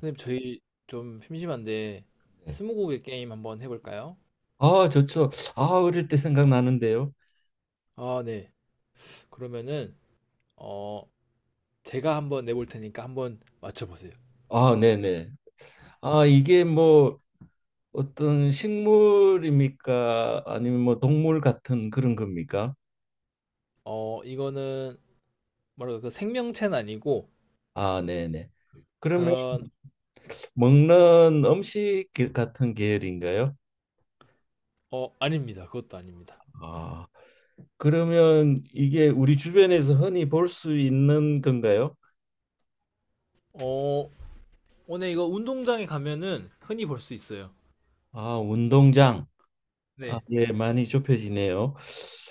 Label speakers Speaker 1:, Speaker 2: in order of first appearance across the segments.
Speaker 1: 선생님, 저희 좀 심심한데
Speaker 2: 네.
Speaker 1: 스무고개 게임 한번 해볼까요?
Speaker 2: 아, 좋죠. 아, 어릴 때 생각나는데요.
Speaker 1: 아, 네. 그러면은 어 제가 한번 내볼 테니까 한번 맞춰보세요.
Speaker 2: 아, 네네. 아, 이게 뭐 어떤 식물입니까? 아니면 뭐 동물 같은 그런 겁니까?
Speaker 1: 이거는 뭐랄까 그 생명체는 아니고
Speaker 2: 아, 네네. 그러면
Speaker 1: 그런
Speaker 2: 먹는 음식 같은 계열인가요?
Speaker 1: 어 아닙니다. 그것도 아닙니다.
Speaker 2: 아, 그러면 이게 우리 주변에서 흔히 볼 수 있는 건가요?
Speaker 1: 어 오늘 이거 운동장에 가면은 흔히 볼 수 있어요.
Speaker 2: 아, 운동장. 아,
Speaker 1: 네.
Speaker 2: 예, 많이 좁혀지네요.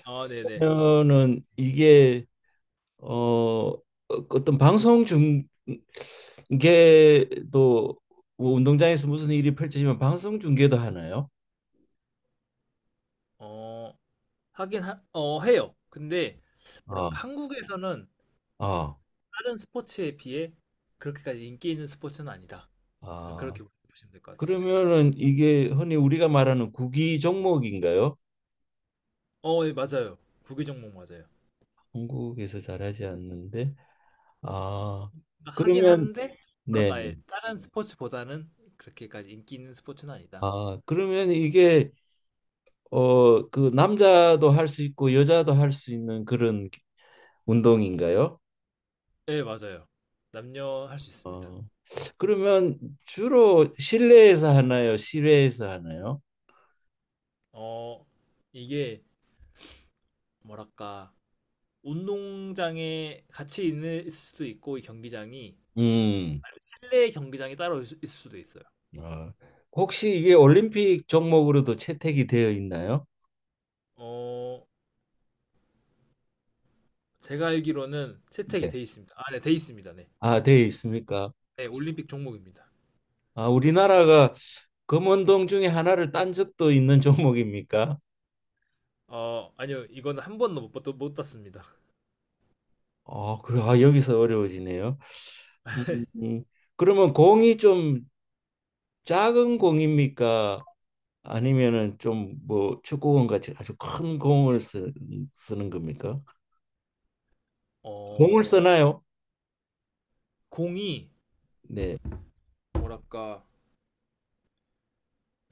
Speaker 1: 아, 네네.
Speaker 2: 그러면은 이게 어 어떤 방송 중계도 뭐 운동장에서 무슨 일이 펼쳐지면 방송 중계도 하나요?
Speaker 1: 어 하긴 하, 해요. 근데
Speaker 2: 아,
Speaker 1: 뭐랄까 한국에서는
Speaker 2: 아,
Speaker 1: 다른 스포츠에 비해 그렇게까지 인기 있는 스포츠는 아니다. 그렇
Speaker 2: 아.
Speaker 1: 게 보시면 될 것 같아요.
Speaker 2: 그러면은 이게 흔히 우리가 말하는 구기 종목인가요?
Speaker 1: 어, 예, 맞아요. 구기 종목 맞아요.
Speaker 2: 한국에서 잘하지 않는데.
Speaker 1: 어,
Speaker 2: 아,
Speaker 1: 하긴
Speaker 2: 그러면
Speaker 1: 하는데 뭐랄까
Speaker 2: 네네.
Speaker 1: 아예 다른 스포츠보다는 그렇게까지 인기 있는 스포츠는 아니다.
Speaker 2: 아, 그러면 이게 그 남자도 할 수 있고 여자도 할 수 있는 그런 운동인가요?
Speaker 1: 예, 맞아요. 남녀 할 수 있습니다.
Speaker 2: 어. 그러면 주로 실내에서 하나요? 실외에서 하나요?
Speaker 1: 어, 이게 뭐랄까 운동장에 같이 있는 있을 수도 있고 이 경기장이
Speaker 2: 음.
Speaker 1: 아니면 실내 경기장이 따로 있- 있을 수도 있어요.
Speaker 2: 아, 혹시 이게 올림픽 종목으로도 채택이 되어 있나요?
Speaker 1: 어, 제가 알기로는 채택이
Speaker 2: 네.
Speaker 1: 돼 있습니다. 아, 네, 돼 있습니다. 네,
Speaker 2: 아, 되어 있습니까?
Speaker 1: 네, 올림픽 종목입니다.
Speaker 2: 아, 우리나라가 금운동 중에 하나를 딴 적도 있는 종목입니까?
Speaker 1: 어, 아니요, 이거는 한 번도 못, 봤- 못 땄습니다.
Speaker 2: 아, 그래. 아, 여기서 어려워지네요. 음, 음. 그러면 공이 좀 작은 공입니까? 아니면은 좀 뭐 축구공 같이 아주 큰 공을 쓰는 겁니까? 공을
Speaker 1: 어,
Speaker 2: 쓰나요?
Speaker 1: 공이
Speaker 2: 네.
Speaker 1: 뭐랄까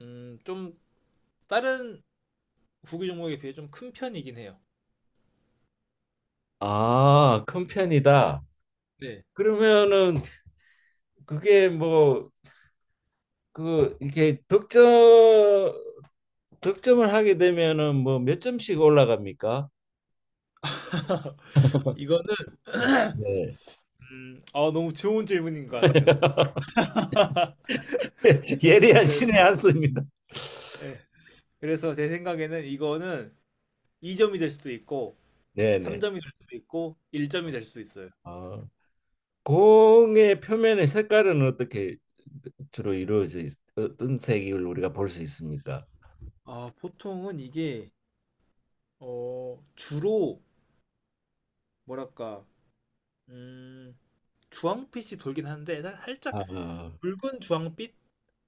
Speaker 1: 좀 다른 구기 종목에 비해 좀 큰 편이긴 해요.
Speaker 2: 아, 큰 편이다.
Speaker 1: 네.
Speaker 2: 그러면은 그게 뭐 그 이렇게 득점을 하게 되면은 뭐 몇 점씩 올라갑니까?
Speaker 1: 이거는
Speaker 2: 네.
Speaker 1: 아, 너무 좋은 질문인 것 같아요.
Speaker 2: 예리한
Speaker 1: 그래서
Speaker 2: 신의 한 수입니다.
Speaker 1: 예. 그래서 제 생각에는 이거는 2점이 될 수도 있고
Speaker 2: 네네.
Speaker 1: 3점이 될 수도 있고 1점이 될 수도 있어요.
Speaker 2: 아, 공의 표면의 색깔은 어떻게 주로 이루어져 어떤 색을 우리가 볼 수 있습니까?
Speaker 1: 아, 보통은 이게 어, 주로 뭐랄까 음, 주황빛이 돌긴 하는데 살- 살짝
Speaker 2: 아,
Speaker 1: 붉은 주황빛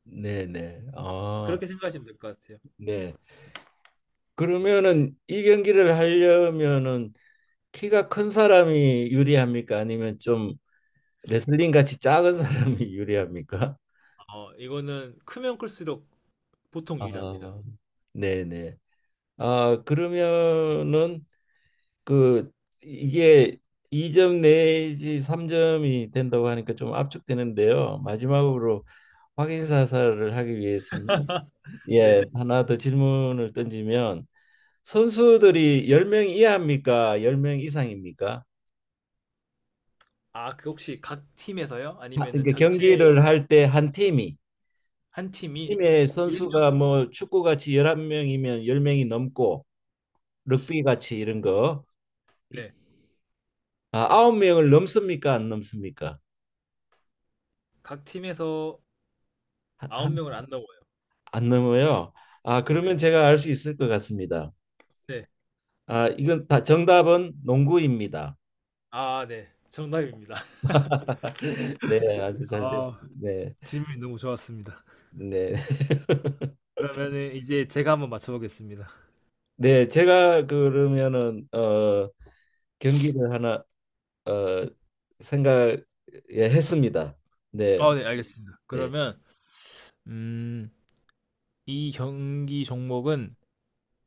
Speaker 2: 네네. 아,
Speaker 1: 그렇게 생각하시면 될 것 같아요.
Speaker 2: 네. 그러면은 이 경기를 하려면은 키가 큰 사람이 유리합니까? 아니면 좀 레슬링 같이 작은 사람이 유리합니까?
Speaker 1: 어, 이거는 크면 클수록 보통
Speaker 2: 아,
Speaker 1: 유리합니다.
Speaker 2: 네네. 아, 그러면은 그 이게 2점 내지 3점이 된다고 하니까 좀 압축되는데요. 마지막으로 확인 사살을 하기 위해서는
Speaker 1: 네.
Speaker 2: 예, 하나 더 질문을 던지면 선수들이 10명 이하입니까? 10명 이상입니까?
Speaker 1: 아, 그 혹시 각 팀에서요?
Speaker 2: 아,
Speaker 1: 아니면은
Speaker 2: 그러니까
Speaker 1: 전체
Speaker 2: 경기를 할 때 한 팀이
Speaker 1: 한 팀이 1
Speaker 2: 팀의 선수가
Speaker 1: 명
Speaker 2: 뭐 축구같이 11명이면 10명이 넘고 럭비같이 이런 거 이-
Speaker 1: 네.
Speaker 2: 아, 9명을 넘습니까? 안 넘습니까?
Speaker 1: 각 팀에서
Speaker 2: 한, 한,
Speaker 1: 9명을 안 넘어요.
Speaker 2: 안 넘어요. 아,
Speaker 1: 네.
Speaker 2: 그러면 제가 알 수 있을 것 같습니다.
Speaker 1: 네.
Speaker 2: 아, 이건 다 정답은 농구입니다.
Speaker 1: 아, 네. 정답입니다.
Speaker 2: 네, 아주 잘 됐.
Speaker 1: 아,
Speaker 2: 네.
Speaker 1: 질문이 너무 좋았습니다.
Speaker 2: 네.
Speaker 1: 그러면은 이제 제가 한번 맞춰보겠습니다.
Speaker 2: 네, 제가 그러면은 어 경기를 하나 어 생각 예, 했습니다. 네.
Speaker 1: 아, 네, 알겠습니다.
Speaker 2: 예.
Speaker 1: 그러면 음, 이 경기 종목은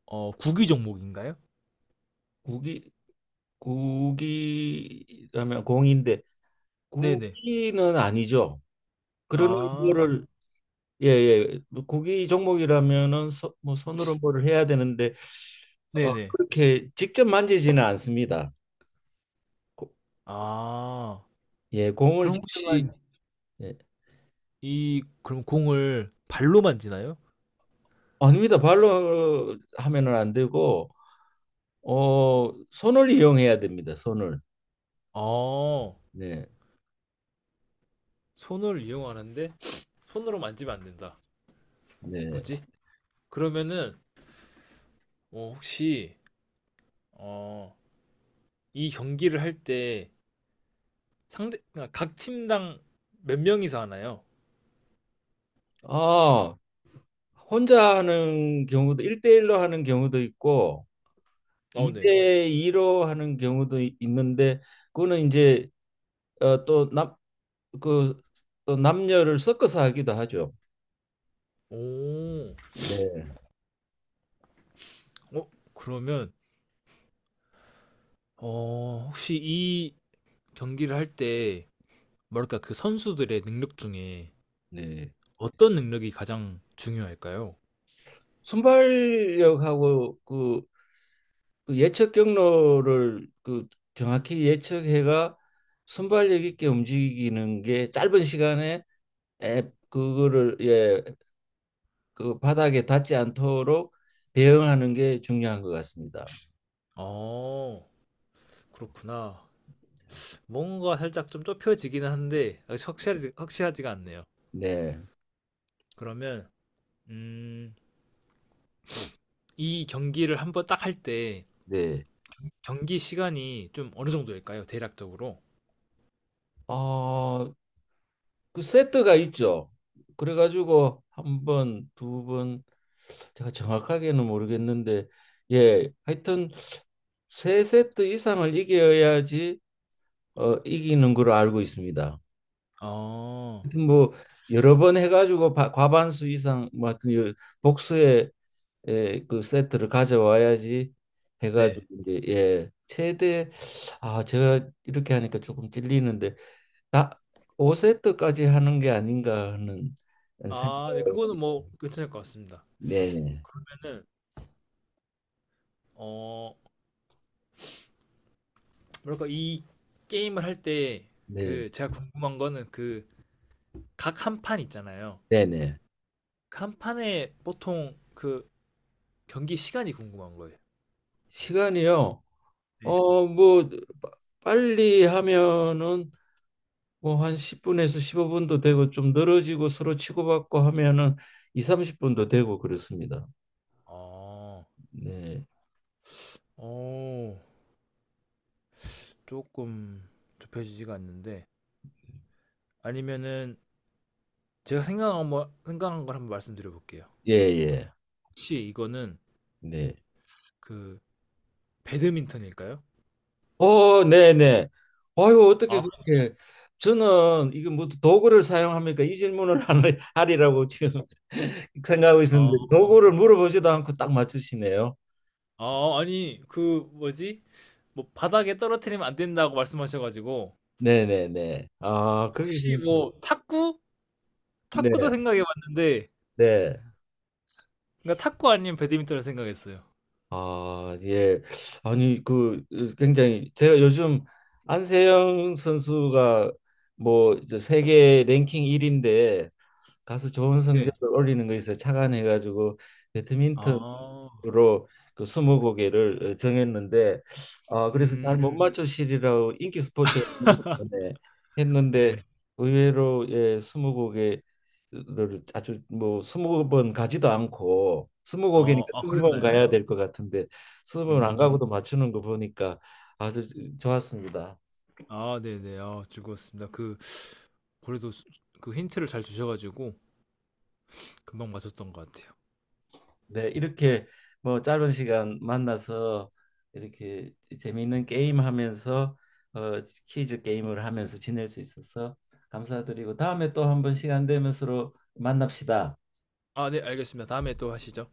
Speaker 1: 어, 구기 종목인가요?
Speaker 2: 국이 국이라면 공인데
Speaker 1: 네네.
Speaker 2: 국기는 아니죠. 그러나
Speaker 1: 아,
Speaker 2: 뭐를 예예 국이 종목이라면은 서, 뭐 손으로 뭐를 해야 되는데 어,
Speaker 1: 네네.
Speaker 2: 그렇게 직접 만지지는 않습니다. 고-
Speaker 1: 아,
Speaker 2: 예 공을
Speaker 1: 그럼
Speaker 2: 직접
Speaker 1: 혹시
Speaker 2: 만 예.
Speaker 1: 이 그럼 공을 발로 만지나요?
Speaker 2: 아닙니다. 발로 하면은 안 되고 어 손을 이용해야 됩니다. 손을
Speaker 1: 어,
Speaker 2: 네
Speaker 1: 손을 이용하는데 손으로 만지면 안 된다.
Speaker 2: 네.
Speaker 1: 뭐지? 그러면은 어, 혹시 어, 이 경기를 할 때 상대 아, 각 팀당 몇 명이서 하나요?
Speaker 2: 아 혼자 하는 경우도 일대일로 하는 경우도 있고
Speaker 1: 어, 네.
Speaker 2: 2대 2로 하는 경우도 있는데 그거는 이제 어, 그, 또 남녀를 섞어서 하기도 하죠.
Speaker 1: 오,
Speaker 2: 네.
Speaker 1: 어, 그러면 어, 혹시 이 경기를 할 때 뭐랄까 그 선수들의 능력 중에
Speaker 2: 네.
Speaker 1: 어떤 능력이 가장 중요할까요?
Speaker 2: 순발력하고 그, 그 예측 경로를 그 정확히 예측해가 순발력 있게 움직이는 게 짧은 시간에 에, 그거를 예, 그 바닥에 닿지 않도록 대응하는 게 중요한 것 같습니다.
Speaker 1: 어, 그렇구나. 뭔가 살짝 좀 좁혀지기는 한데 아직 확실하지가 않네요.
Speaker 2: 네.
Speaker 1: 그러면 음, 이 경기를 한번 딱 할 때
Speaker 2: 네.
Speaker 1: 경기 시간이 좀 어느 정도일까요? 대략적으로?
Speaker 2: 어, 그 세트가 있죠. 그래가지고 한 번, 두 번, 제가 정확하게는 모르겠는데, 예, 하여튼 세 세트 이상을 이겨야지 어, 이기는 걸로 알고 있습니다.
Speaker 1: 아,
Speaker 2: 하여튼 뭐 여러 번 해가지고 바- 과반수 이상, 뭐 하여튼 복수의 예, 그 세트를 가져와야지 해가지고
Speaker 1: 네.
Speaker 2: 이제 예, 최대 아 제가 이렇게 하니까 조금 찔리는데 다 5세트까지 하는 게 아닌가 하는 생각.
Speaker 1: 아, 네. 그거는 뭐 괜찮을 것 같습니다.
Speaker 2: 네,
Speaker 1: 그러면은 어, 뭐랄까 이 게임을 할 때
Speaker 2: 네,
Speaker 1: 그 제가 궁금한 거는 그 각 한 판 있잖아요.
Speaker 2: 네, 네.
Speaker 1: 그 한 판에 보통 그 경기 시간이 궁금한 거예요.
Speaker 2: 시간이요.
Speaker 1: 네.
Speaker 2: 어, 뭐 빠- 빨리 하면은 뭐 한 10분에서 15분도 되고 좀 늘어지고 서로 치고받고 하면은 2, 30분도 되고 그렇습니다.
Speaker 1: 어,
Speaker 2: 네.
Speaker 1: 어, 조금 좁혀지지가 않는데 아니면은 제가 생각한 걸 한번 말씀드려 볼게요.
Speaker 2: 예, 예.
Speaker 1: 혹시 이거는
Speaker 2: 네.
Speaker 1: 그 배드민턴일까요?
Speaker 2: 어, 네, 네. 아유, 어떻게
Speaker 1: 아.
Speaker 2: 그렇게 저는 이거 뭐 도구를 사용합니까? 이 질문을 하리라고 지금 생각하고
Speaker 1: 아.
Speaker 2: 있었는데 도구를 물어보지도 않고 딱 맞추시네요.
Speaker 1: 아 아니 그 뭐지? 뭐 바닥에 떨어뜨리면 안 된다고 말씀하셔 가지고
Speaker 2: 네네네. 아, 거기서
Speaker 1: 혹시 뭐 탁구?
Speaker 2: 네,
Speaker 1: 탁구도 생각해 봤는데
Speaker 2: 네.
Speaker 1: 그러니까 탁구 아니면 배드민턴을 생각했어요.
Speaker 2: 아, 예. 아니, 그 어, 굉장히 제가 요즘 안세영 선수가 뭐 이제 세계 랭킹 1인데 가서 좋은
Speaker 1: 네.
Speaker 2: 성적을 올리는 거에 있어 착안해 가지고 배드민턴
Speaker 1: 아.
Speaker 2: 로 그 스무고개를 어, 정했는데 아 그래서 잘 못
Speaker 1: 음.
Speaker 2: 맞추시리라고 인기 스포츠 했는데
Speaker 1: 네.
Speaker 2: 의외로 예 스무고개를 아주 뭐 스무 번 가지도 않고
Speaker 1: 어
Speaker 2: 스무고개니까
Speaker 1: 아
Speaker 2: 스무 번
Speaker 1: 그랬나요?
Speaker 2: 가야 될 것 같은데 스무 번 안
Speaker 1: 음.
Speaker 2: 가고도 맞추는 거 보니까 아주 좋았습니다.
Speaker 1: 아 네네. 아 즐거웠습니다. 그 그래도 그 힌트를 잘 주셔 가지고 금방 맞췄던 것 같아요.
Speaker 2: 네, 이렇게 뭐 짧은 시간 만나서 이렇게 재미있는 게임 하면서 어, 퀴즈 게임을 하면서 지낼 수 있어서 감사드리고 다음에 또 한 번 시간 되면 서로 만납시다.
Speaker 1: 아 네 알겠습니다. 다음에 또 하시죠.